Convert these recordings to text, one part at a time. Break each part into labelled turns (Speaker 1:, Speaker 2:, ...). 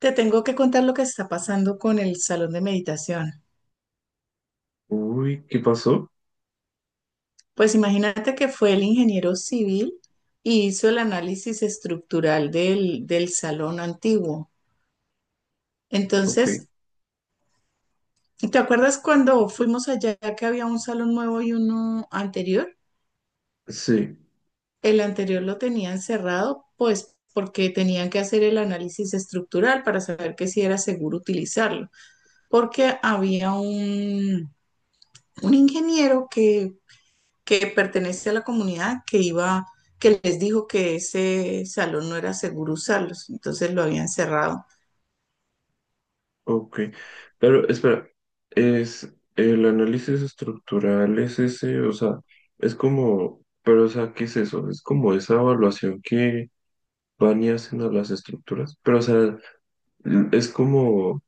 Speaker 1: Te tengo que contar lo que está pasando con el salón de meditación.
Speaker 2: Uy, ¿qué pasó?
Speaker 1: Pues imagínate que fue el ingeniero civil y hizo el análisis estructural del salón antiguo.
Speaker 2: Ok,
Speaker 1: Entonces, ¿te acuerdas cuando fuimos allá que había un salón nuevo y uno anterior?
Speaker 2: sí,
Speaker 1: El anterior lo tenían cerrado, pues porque tenían que hacer el análisis estructural para saber que si era seguro utilizarlo, porque había un ingeniero que pertenece a la comunidad que iba, que les dijo que ese salón no era seguro usarlos, entonces lo habían cerrado.
Speaker 2: ok. Pero espera, es el análisis estructural, es ese, o sea, es como, pero o sea, ¿qué es eso? Es como esa evaluación que van y hacen a las estructuras, pero o sea, es como,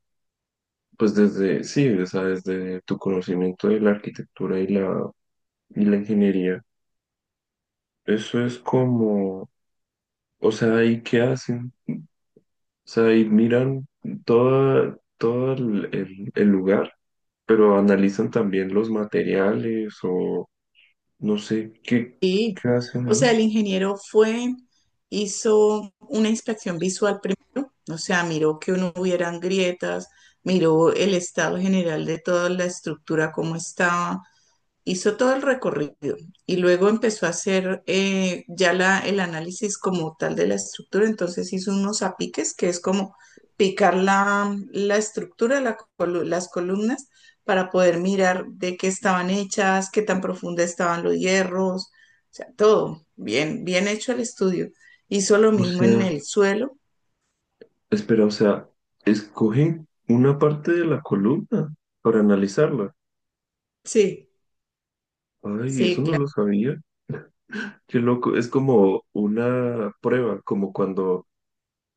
Speaker 2: pues desde, sí, o sea, desde tu conocimiento de la arquitectura y y la ingeniería, eso es como, o sea, ¿y qué hacen? O sea, y miran todo el lugar, pero analizan también los materiales o no sé qué,
Speaker 1: Y,
Speaker 2: qué hacen
Speaker 1: o
Speaker 2: ahí.
Speaker 1: sea, el ingeniero fue, hizo una inspección visual primero, o sea, miró que no hubieran grietas, miró el estado general de toda la estructura, cómo estaba, hizo todo el recorrido y luego empezó a hacer ya el análisis como tal de la estructura, entonces hizo unos apiques, que es como picar la estructura, las columnas, para poder mirar de qué estaban hechas, qué tan profunda estaban los hierros, o sea, todo, bien, bien hecho el estudio. Hizo lo
Speaker 2: O
Speaker 1: mismo en
Speaker 2: sea,
Speaker 1: el suelo,
Speaker 2: espera, o sea, escogen una parte de la columna para analizarla.
Speaker 1: sí,
Speaker 2: Ay, eso
Speaker 1: sí,
Speaker 2: no
Speaker 1: claro.
Speaker 2: lo sabía. Qué loco, es como una prueba, como cuando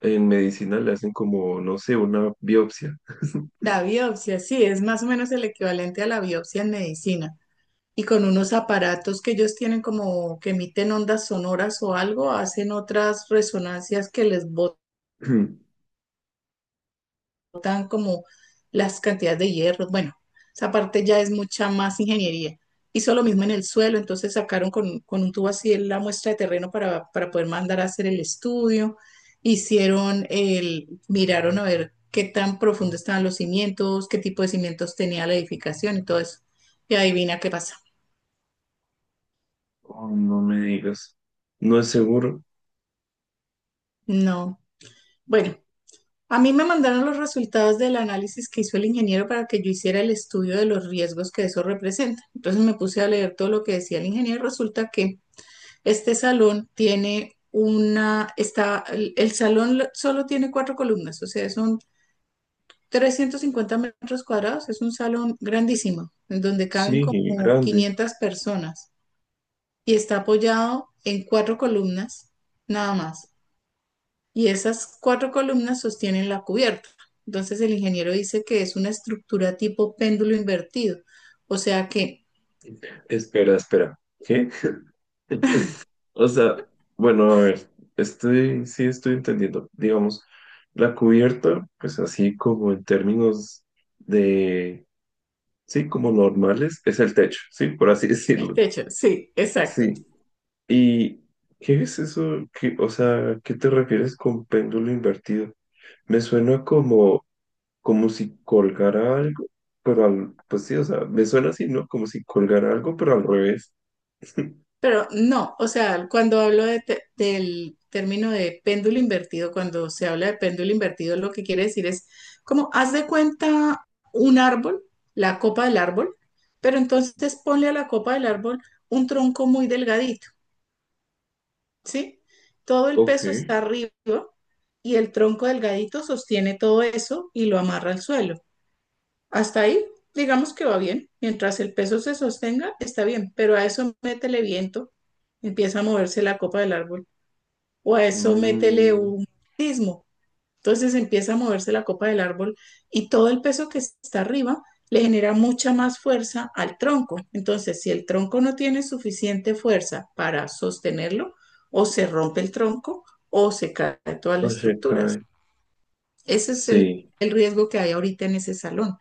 Speaker 2: en medicina le hacen como, no sé, una biopsia.
Speaker 1: La biopsia, sí, es más o menos el equivalente a la biopsia en medicina. Y con unos aparatos que ellos tienen como que emiten ondas sonoras o algo, hacen otras resonancias que les botan como las cantidades de hierro. Bueno, esa parte ya es mucha más ingeniería. Hizo lo mismo en el suelo, entonces sacaron con un tubo así la muestra de terreno para poder mandar a hacer el estudio. Hicieron el, miraron a ver qué tan profundo estaban los cimientos, qué tipo de cimientos tenía la edificación y todo eso. Y adivina qué pasa.
Speaker 2: Oh, no me digas. No es seguro.
Speaker 1: No. Bueno, a mí me mandaron los resultados del análisis que hizo el ingeniero para que yo hiciera el estudio de los riesgos que eso representa. Entonces me puse a leer todo lo que decía el ingeniero. Resulta que este salón tiene una, está, el salón solo tiene cuatro columnas, o sea, son 350 metros cuadrados. Es un salón grandísimo, en donde caben
Speaker 2: Sí,
Speaker 1: como
Speaker 2: grande.
Speaker 1: 500 personas y está apoyado en cuatro columnas, nada más y esas cuatro columnas sostienen la cubierta. Entonces el ingeniero dice que es una estructura tipo péndulo invertido, o sea que
Speaker 2: Espera, espera. ¿Qué? O sea, bueno, a ver, sí estoy entendiendo. Digamos, la cubierta, pues así como en términos de, sí, como normales, es el techo, sí, por así
Speaker 1: el
Speaker 2: decirlo.
Speaker 1: techo, sí, exacto.
Speaker 2: Sí. ¿Y qué es eso? Que o sea, ¿qué te refieres con péndulo invertido? Me suena como, como si colgara algo, pero al, pues sí, o sea, me suena así, ¿no? Como si colgara algo, pero al revés.
Speaker 1: Pero no, o sea, cuando hablo de del término de péndulo invertido, cuando se habla de péndulo invertido, lo que quiere decir es como haz de cuenta un árbol, la copa del árbol, pero entonces ponle a la copa del árbol un tronco muy delgadito, ¿sí? Todo el
Speaker 2: Ok.
Speaker 1: peso está arriba y el tronco delgadito sostiene todo eso y lo amarra al suelo. Hasta ahí, digamos que va bien. Mientras el peso se sostenga, está bien, pero a eso métele viento, empieza a moverse la copa del árbol, o a eso métele
Speaker 2: Mm,
Speaker 1: un sismo, entonces empieza a moverse la copa del árbol y todo el peso que está arriba le genera mucha más fuerza al tronco. Entonces, si el tronco no tiene suficiente fuerza para sostenerlo, o se rompe el tronco o se caen todas las
Speaker 2: Oye,
Speaker 1: estructuras.
Speaker 2: cae.
Speaker 1: Ese es
Speaker 2: Sí.
Speaker 1: el riesgo que hay ahorita en ese salón.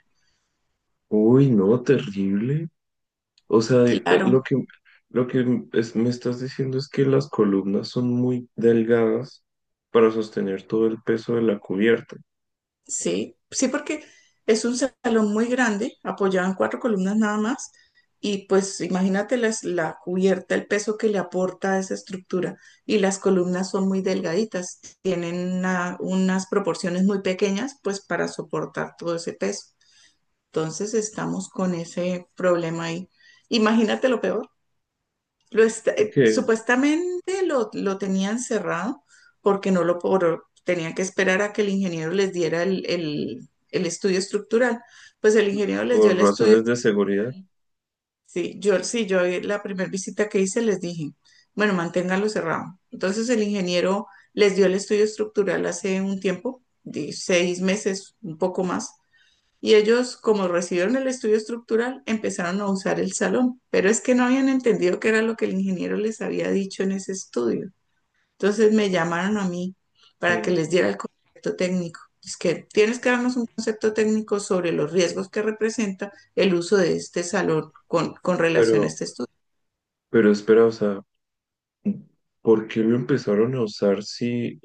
Speaker 2: Uy, no, terrible. O sea,
Speaker 1: Claro,
Speaker 2: lo que me estás diciendo es que las columnas son muy delgadas para sostener todo el peso de la cubierta.
Speaker 1: sí, sí, porque es un salón muy grande, apoyado en cuatro columnas nada más, y pues imagínate la cubierta, el peso que le aporta a esa estructura, y las columnas son muy delgaditas, tienen unas proporciones muy pequeñas, pues para soportar todo ese peso. Entonces estamos con ese problema ahí. Imagínate lo peor.
Speaker 2: Que
Speaker 1: Supuestamente lo tenían cerrado porque no lo por- tenían que esperar a que el ingeniero les diera el, el estudio estructural. Pues el ingeniero les dio
Speaker 2: por
Speaker 1: el estudio.
Speaker 2: razones de seguridad,
Speaker 1: Sí, yo sí, yo la primera visita que hice les dije, bueno, manténgalo cerrado. Entonces el ingeniero les dio el estudio estructural hace un tiempo, de 6 meses, un poco más, y ellos, como recibieron el estudio estructural, empezaron a usar el salón, pero es que no habían entendido qué era lo que el ingeniero les había dicho en ese estudio. Entonces me llamaron a mí para que
Speaker 2: sí.
Speaker 1: les diera el concepto técnico. Es que tienes que darnos un concepto técnico sobre los riesgos que representa el uso de este salón con relación a
Speaker 2: Pero,
Speaker 1: este estudio.
Speaker 2: pero espera, o sea, ¿por qué lo empezaron a usar si...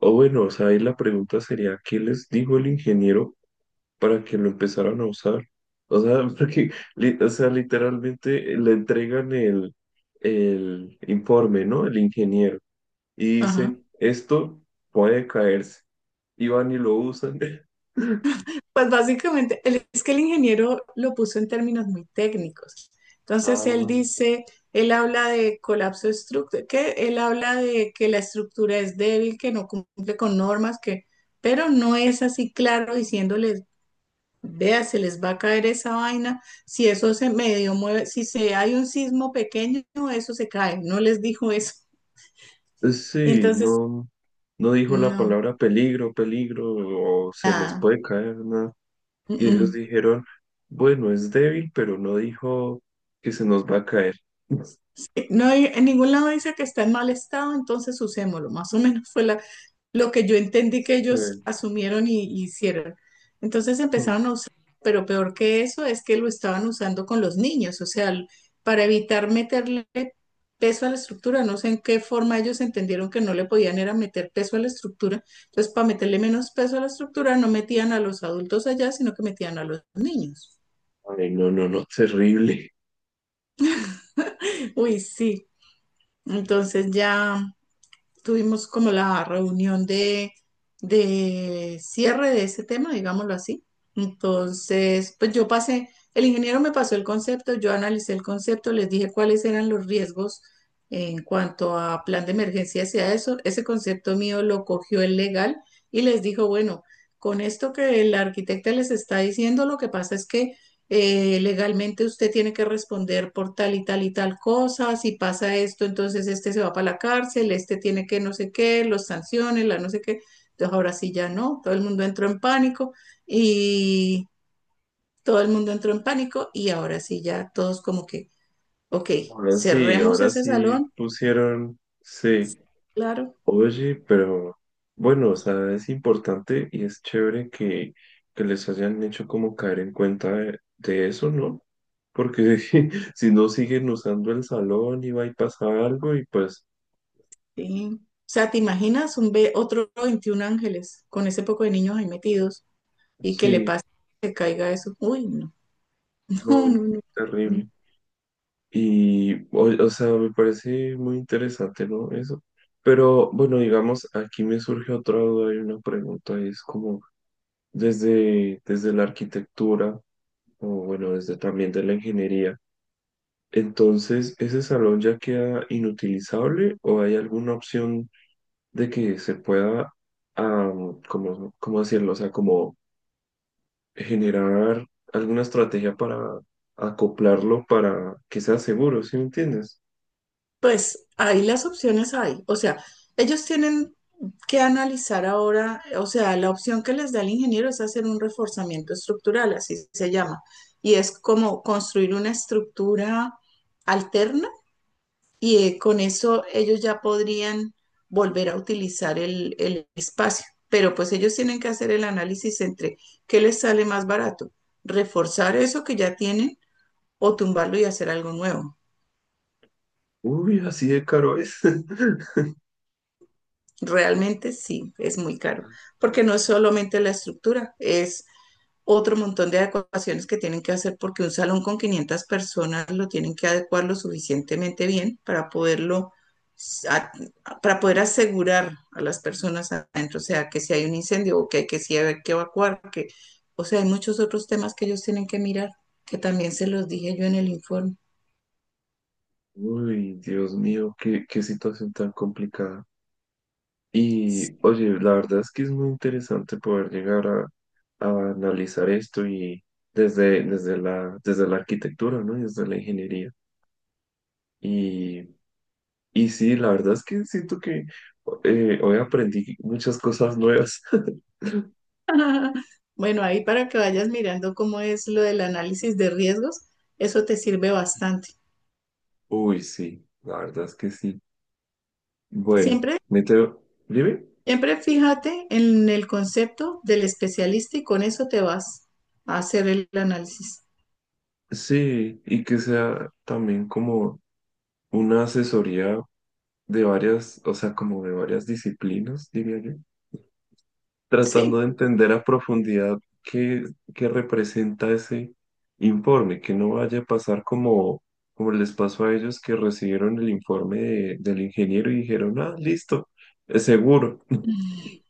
Speaker 2: O bueno, o sea, ahí la pregunta sería, ¿qué les dijo el ingeniero para que lo empezaran a usar. O sea, porque, o sea, literalmente le entregan el informe, ¿no? El ingeniero. Y
Speaker 1: Ajá.
Speaker 2: dice, esto puede caerse. Y van y lo usan.
Speaker 1: Pues básicamente, es que el ingeniero lo puso en términos muy técnicos.
Speaker 2: Ah,
Speaker 1: Entonces, él habla de colapso estructural, que él habla de que la estructura es débil, que no cumple con normas, que, pero no es así claro diciéndoles, vea, se les va a caer esa vaina, si eso se medio mueve, si se hay un sismo pequeño, eso se cae. No les dijo eso.
Speaker 2: sí,
Speaker 1: Entonces,
Speaker 2: no, no dijo la
Speaker 1: no,
Speaker 2: palabra peligro, peligro, o se les
Speaker 1: nada.
Speaker 2: puede caer, nada. Y ellos dijeron, bueno, es débil, pero no dijo que se nos va a caer.
Speaker 1: No hay, en ningún lado dice que está en mal estado, entonces usémoslo. Más o menos fue lo que yo entendí que
Speaker 2: Sí.
Speaker 1: ellos asumieron y hicieron. Entonces
Speaker 2: Mm.
Speaker 1: empezaron a usar, pero peor que eso es que lo estaban usando con los niños, o sea, para evitar meterle peso a la estructura. No sé en qué forma ellos entendieron que no le podían era meter peso a la estructura. Entonces, para meterle menos peso a la estructura, no metían a los adultos allá, sino que metían a los niños.
Speaker 2: Ay, no, no, no, terrible.
Speaker 1: Uy, sí. Entonces ya tuvimos como la reunión de cierre de ese tema, digámoslo así. Entonces, pues yo pasé, el ingeniero me pasó el concepto, yo analicé el concepto, les dije cuáles eran los riesgos en cuanto a plan de emergencia hacia eso. Ese concepto mío lo cogió el legal y les dijo, bueno, con esto que la arquitecta les está diciendo, lo que pasa es que legalmente usted tiene que responder por tal y tal y tal cosa, si pasa esto, entonces este se va para la cárcel, este tiene que no sé qué, los sanciones, la no sé qué. Entonces ahora sí ya no, todo el mundo entró en pánico y todo el mundo entró en pánico y ahora sí ya todos como que, ok, cerremos
Speaker 2: Ahora
Speaker 1: ese
Speaker 2: sí
Speaker 1: salón,
Speaker 2: pusieron, sí,
Speaker 1: claro.
Speaker 2: oye, pero bueno, o sea, es importante y es chévere que les hayan hecho como caer en cuenta de eso, ¿no? Porque si no siguen usando el salón y va y pasa algo y pues
Speaker 1: Sí. O sea, ¿te imaginas un ve otro 21 ángeles con ese poco de niños ahí metidos y que le
Speaker 2: sí,
Speaker 1: pase, que caiga eso? Uy, no, no,
Speaker 2: no, no,
Speaker 1: no, no.
Speaker 2: terrible. Y, o sea, me parece muy interesante, ¿no? Eso. Pero bueno, digamos, aquí me surge otra duda y una pregunta, y es como... desde, desde la arquitectura o bueno, desde también de la ingeniería. Entonces, ¿ese salón ya queda inutilizable o hay alguna opción de que se pueda, como ¿cómo, cómo decirlo? O sea, como generar alguna estrategia para acoplarlo para que sea seguro, ¿sí me entiendes?
Speaker 1: Pues ahí las opciones hay. O sea, ellos tienen que analizar ahora, o sea, la opción que les da el ingeniero es hacer un reforzamiento estructural, así se llama. Y es como construir una estructura alterna y con eso ellos ya podrían volver a utilizar el espacio. Pero pues ellos tienen que hacer el análisis entre qué les sale más barato, reforzar eso que ya tienen o tumbarlo y hacer algo nuevo.
Speaker 2: Uy, así de caro es.
Speaker 1: Realmente sí, es muy caro, porque no es solamente la estructura, es otro montón de adecuaciones que tienen que hacer porque un salón con 500 personas lo tienen que adecuar lo suficientemente bien para poderlo para poder asegurar a las personas adentro, o sea, que si hay un incendio o que hay que si hay que evacuar, que o sea, hay muchos otros temas que ellos tienen que mirar, que también se los dije yo en el informe.
Speaker 2: Uy, Dios mío, qué, qué situación tan complicada. Y oye, la verdad es que es muy interesante poder llegar a analizar esto y desde, desde la arquitectura, ¿no? Y desde la ingeniería. Y, y sí, la verdad es que siento que hoy aprendí muchas cosas nuevas.
Speaker 1: Bueno, ahí para que vayas mirando cómo es lo del análisis de riesgos, eso te sirve bastante.
Speaker 2: Uy, sí, la verdad es que sí. Bueno,
Speaker 1: Siempre,
Speaker 2: me tengo... ¿Dime?
Speaker 1: siempre fíjate en el concepto del especialista y con eso te vas a hacer el análisis.
Speaker 2: Sí, y que sea también como una asesoría de varias, o sea, como de varias disciplinas, diría yo. Tratando
Speaker 1: Sí,
Speaker 2: de entender a profundidad qué, qué representa ese informe, que no vaya a pasar como, como les pasó a ellos que recibieron el informe del ingeniero y dijeron, ah, listo, es seguro.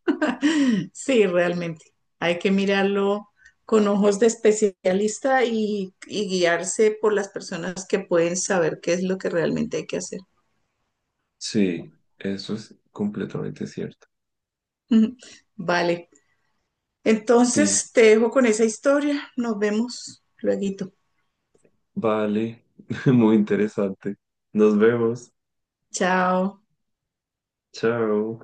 Speaker 1: sí, realmente. Hay que mirarlo con ojos de especialista y guiarse por las personas que pueden saber qué es lo que realmente hay que hacer.
Speaker 2: Sí, eso es completamente cierto.
Speaker 1: Vale.
Speaker 2: Sí,
Speaker 1: Entonces te dejo con esa historia. Nos vemos luego.
Speaker 2: vale, muy interesante. Nos vemos.
Speaker 1: Chao.
Speaker 2: Chao.